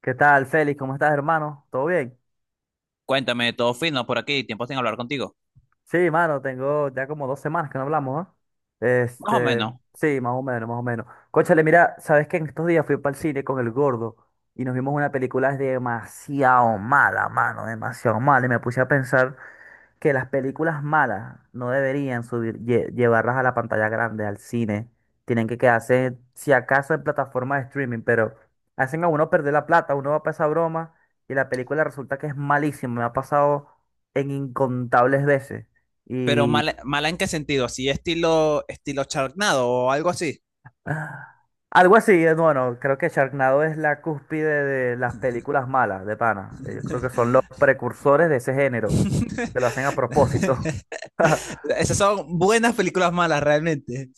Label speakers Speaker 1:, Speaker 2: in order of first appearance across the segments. Speaker 1: ¿Qué tal, Félix? ¿Cómo estás, hermano? ¿Todo bien?
Speaker 2: Cuéntame, todo fino por aquí, tiempo sin hablar contigo.
Speaker 1: Sí, mano, tengo ya como dos semanas que no hablamos, ¿no?
Speaker 2: Más o
Speaker 1: Este,
Speaker 2: menos.
Speaker 1: sí, más o menos, más o menos. Cónchale, mira, sabes que en estos días fui para el cine con el gordo y nos vimos una película demasiado mala, mano, demasiado mala. Y me puse a pensar que las películas malas no deberían subir, llevarlas a la pantalla grande, al cine. Tienen que quedarse, si acaso, en plataformas de streaming, pero hacen a uno perder la plata, uno va para esa broma y la película resulta que es malísima. Me ha pasado en incontables veces.
Speaker 2: Pero
Speaker 1: Y
Speaker 2: mala, mala en qué sentido, así estilo, estilo charnado o algo así.
Speaker 1: ah, algo así, bueno, creo que Sharknado es la cúspide de las películas malas, de pana. Yo creo que son los precursores de ese género, que lo hacen a propósito.
Speaker 2: Esas son buenas películas malas realmente.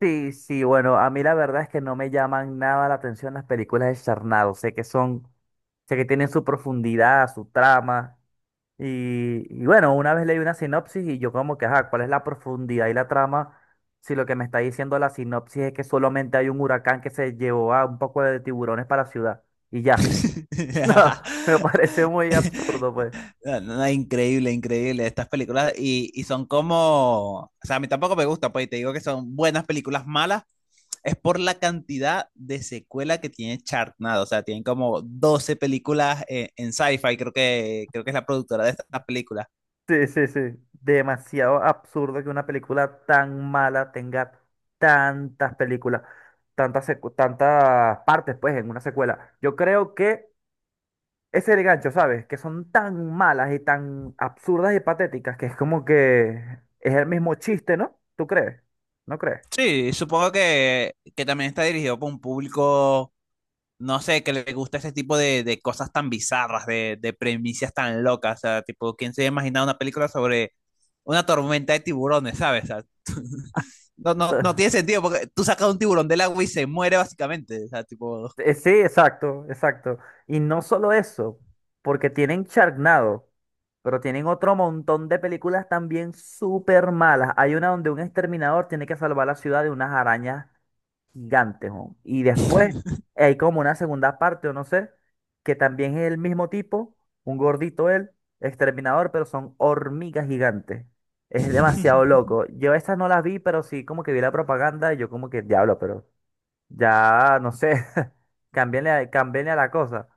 Speaker 1: Sí, sí, bueno, a mí la verdad es que no me llaman nada la atención las películas de Charnado. Sé que son, sé que tienen su profundidad, su trama. Y bueno, una vez leí una sinopsis y yo como que, ajá, ¿cuál es la profundidad y la trama? Si lo que me está diciendo la sinopsis es que solamente hay un huracán que se llevó a un poco de tiburones para la ciudad. Y ya. No, me parece muy absurdo, pues.
Speaker 2: No, no, increíble, increíble estas películas y son como, o sea, a mí tampoco me gusta, pues, y te digo que son buenas películas malas es por la cantidad de secuela que tiene Chartnado. O sea, tienen como 12 películas en sci-fi, creo que es la productora de estas películas.
Speaker 1: Sí, sí, sí. Demasiado absurdo que una película tan mala tenga tantas películas, tantas, tantas partes, pues, en una secuela. Yo creo que ese es el gancho, ¿sabes? Que son tan malas y tan absurdas y patéticas que es como que es el mismo chiste, ¿no? ¿Tú crees? ¿No crees?
Speaker 2: Sí, supongo que también está dirigido por un público, no sé, que le gusta ese tipo de cosas tan bizarras, de premisas tan locas. O sea, tipo, ¿quién se imagina una película sobre una tormenta de tiburones, ¿sabes? O sea, no tiene sentido, porque tú sacas un tiburón del agua y se muere básicamente. O sea, tipo...
Speaker 1: Sí, exacto, exacto. Y no solo eso, porque tienen Sharknado, pero tienen otro montón de películas también súper malas. Hay una donde un exterminador tiene que salvar la ciudad de unas arañas gigantes, ¿no? Y después hay como una segunda parte, o no sé, que también es el mismo tipo, un gordito él, exterminador, pero son hormigas gigantes. Es demasiado loco. Yo estas no las vi, pero sí como que vi la propaganda y yo como que diablo, pero ya, no sé, cámbienle, cámbienle a la cosa.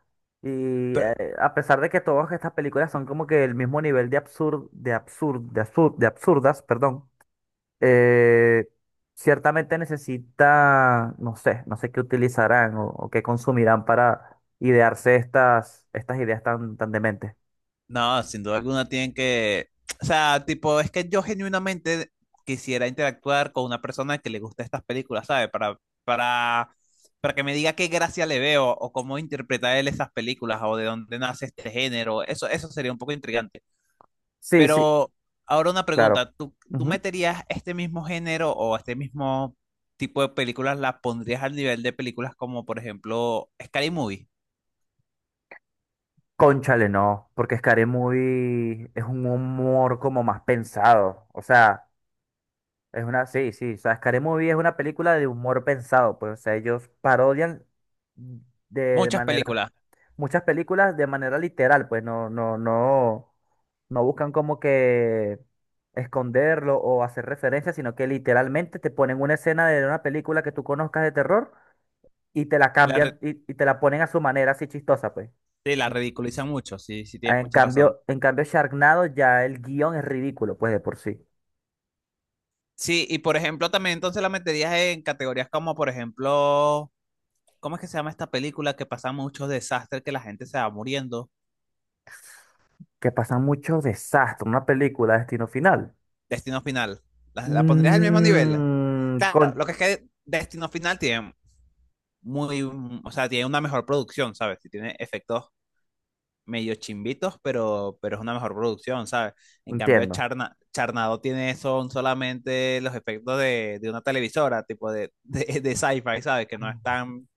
Speaker 1: Y
Speaker 2: Pero,
Speaker 1: a pesar de que todas estas películas son como que el mismo nivel de absurdo, de absurdo, de absurdas, perdón, eh, ciertamente necesita, no sé, no sé qué utilizarán o qué consumirán para idearse estas, estas ideas tan, tan dementes.
Speaker 2: no, sin duda alguna tienen que, o sea, tipo, es que yo genuinamente quisiera interactuar con una persona que le gusta estas películas, ¿sabes? Para que me diga qué gracia le veo o cómo interpreta él esas películas o de dónde nace este género. Eso sería un poco intrigante.
Speaker 1: Sí, sí,
Speaker 2: Pero ahora una
Speaker 1: claro.
Speaker 2: pregunta, ¿tú
Speaker 1: Ujú.
Speaker 2: meterías este mismo género o este mismo tipo de películas, las pondrías al nivel de películas como, por ejemplo, ¿Scary Movie?
Speaker 1: Cónchale, no, porque Scary Movie es un humor como más pensado, o sea. Es una, sí, sí, o sea, Scary Movie es una película de humor pensado, pues, o sea, ellos parodian de
Speaker 2: Muchas
Speaker 1: manera,
Speaker 2: películas.
Speaker 1: muchas películas de manera literal, pues, no, no, no, no buscan como que esconderlo o hacer referencia, sino que literalmente te ponen una escena de una película que tú conozcas de terror y te la
Speaker 2: La, re-
Speaker 1: cambian y te la ponen a su manera así chistosa, pues.
Speaker 2: sí, la
Speaker 1: En
Speaker 2: ridiculizan mucho, sí, sí tienes
Speaker 1: en
Speaker 2: mucha razón.
Speaker 1: cambio, en cambio, Sharknado ya el guión es ridículo, pues, de por sí.
Speaker 2: Sí, y por ejemplo, también entonces la meterías en categorías como, por ejemplo, ¿cómo es que se llama esta película que pasa muchos desastres que la gente se va muriendo?
Speaker 1: Que pasan muchos desastres, una película de destino final.
Speaker 2: Destino Final. ¿La pondrías al mismo nivel?
Speaker 1: Mm,
Speaker 2: Claro, lo que es que Destino Final tiene muy, o sea, tiene una mejor producción, ¿sabes? Y tiene efectos medio chimbitos, pero es una mejor producción, ¿sabes? En cambio,
Speaker 1: entiendo.
Speaker 2: Charna, Charnado tiene son solamente los efectos de una televisora, tipo de, de sci-fi, ¿sabes? Que no es tan,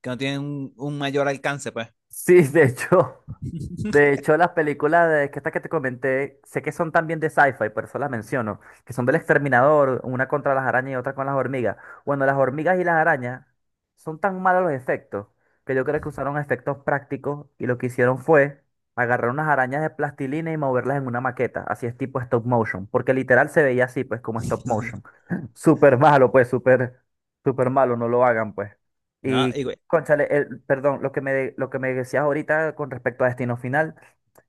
Speaker 2: que no tienen un mayor alcance, pues.
Speaker 1: Sí, de hecho, de hecho, las películas de que estas que te comenté, sé que son también de sci-fi, por eso las menciono, que son del Exterminador, una contra las arañas y otra con las hormigas. Bueno, las hormigas y las arañas son tan malos los efectos que yo creo que usaron efectos prácticos y lo que hicieron fue agarrar unas arañas de plastilina y moverlas en una maqueta, así es tipo stop motion, porque literal se veía así, pues como stop motion. Súper malo, pues, súper, súper malo, no lo hagan, pues.
Speaker 2: No, y güey,
Speaker 1: Cónchale, perdón, lo que me, lo que me decías ahorita con respecto a Destino Final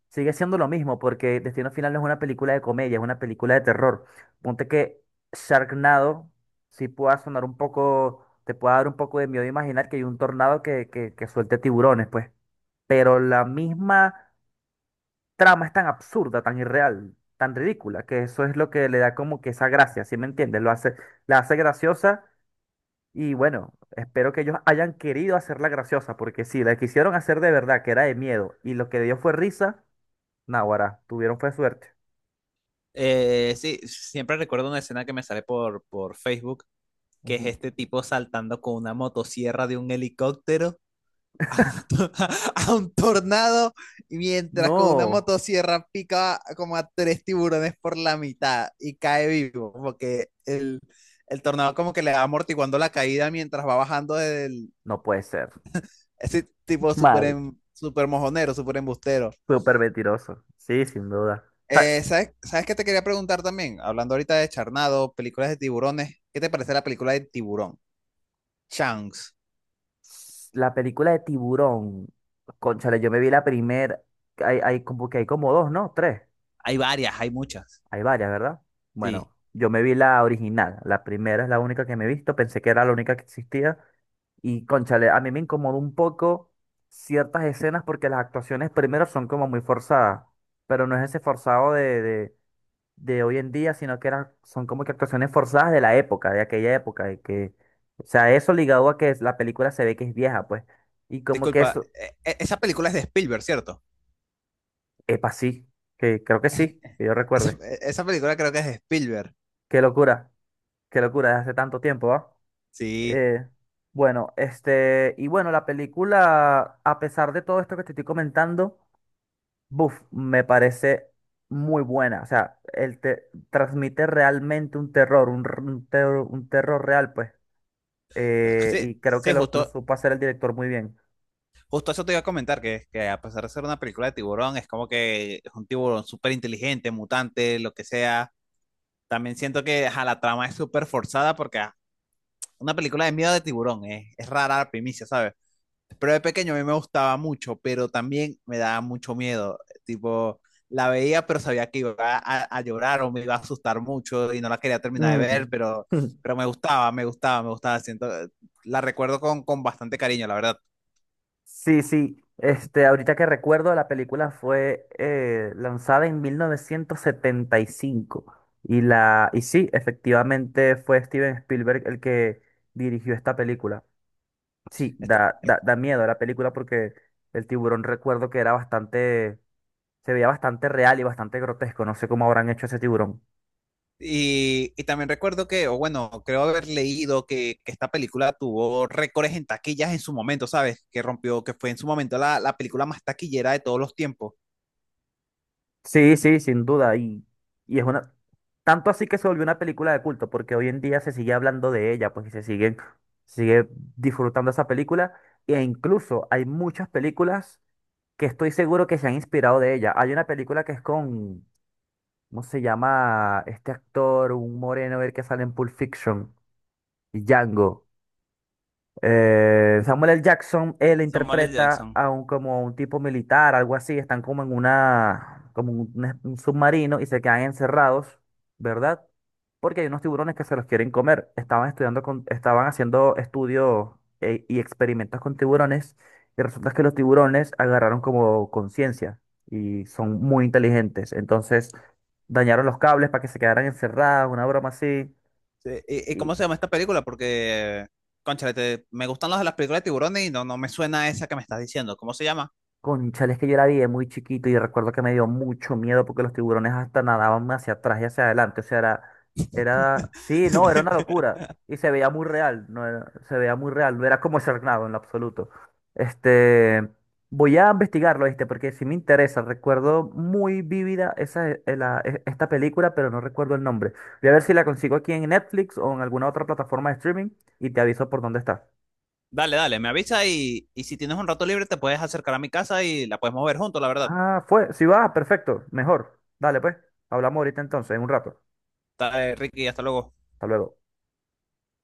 Speaker 1: sigue siendo lo mismo, porque Destino Final no es una película de comedia, es una película de terror. Ponte que Sharknado sí pueda sonar un poco, te pueda dar un poco de miedo imaginar que hay un tornado que suelte tiburones, pues. Pero la misma trama es tan absurda, tan irreal, tan ridícula, que eso es lo que le da como que esa gracia, ¿sí me entiendes? Lo hace, la hace graciosa y bueno, espero que ellos hayan querido hacerla graciosa, porque si la quisieron hacer de verdad, que era de miedo, y lo que dio fue risa, naguará, tuvieron fue suerte.
Speaker 2: sí, siempre recuerdo una escena que me sale por Facebook, que es
Speaker 1: Ujú.
Speaker 2: este tipo saltando con una motosierra de un helicóptero a un, to- a un tornado mientras con una
Speaker 1: No,
Speaker 2: motosierra pica como a tres tiburones por la mitad y cae vivo, porque el tornado como que le va amortiguando la caída mientras va bajando del...
Speaker 1: no puede ser.
Speaker 2: Ese tipo súper
Speaker 1: Mal.
Speaker 2: em- súper mojonero, súper embustero.
Speaker 1: Súper mentiroso. Sí, sin duda. O sea,
Speaker 2: ¿Sabes qué te quería preguntar también? Hablando ahorita de Charnado, películas de tiburones, ¿qué te parece la película de Tiburón? Chunks.
Speaker 1: la película de Tiburón, cónchale, yo me vi la primera, hay como que hay como dos, ¿no? Tres.
Speaker 2: Hay varias, hay muchas.
Speaker 1: Hay varias, ¿verdad?
Speaker 2: Sí.
Speaker 1: Bueno, yo me vi la original, la primera es la única que me he visto, pensé que era la única que existía. Y cónchale, a mí me incomodó un poco ciertas escenas porque las actuaciones primero son como muy forzadas, pero no es ese forzado de hoy en día, sino que eran, son como que actuaciones forzadas de la época, de aquella época, de que, o sea, eso ligado a que la película se ve que es vieja, pues, y como que
Speaker 2: Disculpa,
Speaker 1: eso,
Speaker 2: esa película es de Spielberg, ¿cierto?
Speaker 1: epa, sí, que creo que sí, que yo
Speaker 2: Esa,
Speaker 1: recuerde.
Speaker 2: e, esa película creo que es de Spielberg.
Speaker 1: Qué locura, qué locura, desde hace tanto tiempo, ¿va?
Speaker 2: Sí,
Speaker 1: Eh, bueno, y bueno, la película, a pesar de todo esto que te estoy comentando, buf, me parece muy buena. O sea, él te transmite realmente un terror, un, un terror real, pues.
Speaker 2: sí,
Speaker 1: Y creo que
Speaker 2: sí,
Speaker 1: lo
Speaker 2: justo,
Speaker 1: supo hacer el director muy bien.
Speaker 2: justo eso te iba a comentar, que a pesar de ser una película de tiburón, es como que es un tiburón súper inteligente, mutante, lo que sea. También siento que ajá, la trama es súper forzada porque ah, una película de miedo de tiburón es rara la primicia, ¿sabes? Pero de pequeño a mí me gustaba mucho, pero también me daba mucho miedo. Tipo, la veía, pero sabía que iba a llorar o me iba a asustar mucho y no la quería terminar de
Speaker 1: Mm.
Speaker 2: ver, pero me gustaba, me gustaba, me gustaba. Siento, la recuerdo con bastante cariño, la verdad.
Speaker 1: Sí, sí. Este, ahorita que recuerdo, la película fue lanzada en 1975. Y sí, efectivamente fue Steven Spielberg el que dirigió esta película. Sí,
Speaker 2: Esta-
Speaker 1: da, da, da miedo la película porque el tiburón recuerdo que era bastante. Se veía bastante real y bastante grotesco. No sé cómo habrán hecho ese tiburón.
Speaker 2: y también recuerdo que, o bueno, creo haber leído que esta película tuvo récords en taquillas en su momento, ¿sabes? Que rompió, que fue en su momento la, la película más taquillera de todos los tiempos.
Speaker 1: Sí, sí, sin duda. Y es una. Tanto así que se volvió una película de culto, porque hoy en día se sigue hablando de ella, pues y se siguen, sigue disfrutando esa película. E incluso hay muchas películas que estoy seguro que se han inspirado de ella. Hay una película que es con, ¿cómo se llama? Este actor, un moreno, el que sale en Pulp Fiction, Django. Samuel L. Jackson, él
Speaker 2: Samuel L.
Speaker 1: interpreta
Speaker 2: Jackson.
Speaker 1: a un, como un tipo militar, algo así, están como en una, como un, un submarino y se quedan encerrados, ¿verdad? Porque hay unos tiburones que se los quieren comer. Estaban estudiando con, estaban haciendo estudios y experimentos con tiburones y resulta que los tiburones agarraron como conciencia y son muy inteligentes. Entonces dañaron los cables para que se quedaran encerrados, una broma así.
Speaker 2: Sí, ¿y, y cómo se llama esta película? Porque, cónchale, te- me gustan las de las películas de tiburones y no me suena esa que me estás diciendo. ¿Cómo se llama?
Speaker 1: Cónchale, es que yo la vi de muy chiquito y recuerdo que me dio mucho miedo porque los tiburones hasta nadaban hacia atrás y hacia adelante. O sea, era, era, sí, no, era una locura. Y se veía muy real, no era- se veía muy real, no era como Sharknado en lo absoluto. Este, voy a investigarlo, ¿viste? Porque sí me interesa. Recuerdo muy vívida esa, esta película, pero no recuerdo el nombre. Voy a ver si la consigo aquí en Netflix o en alguna otra plataforma de streaming y te aviso por dónde está.
Speaker 2: Dale, dale, me avisa y si tienes un rato libre te puedes acercar a mi casa y la podemos ver juntos, la verdad.
Speaker 1: Ah, fue. Si va, perfecto. Mejor. Dale, pues. Hablamos ahorita entonces, en un rato.
Speaker 2: Dale, Ricky, hasta luego.
Speaker 1: Hasta luego.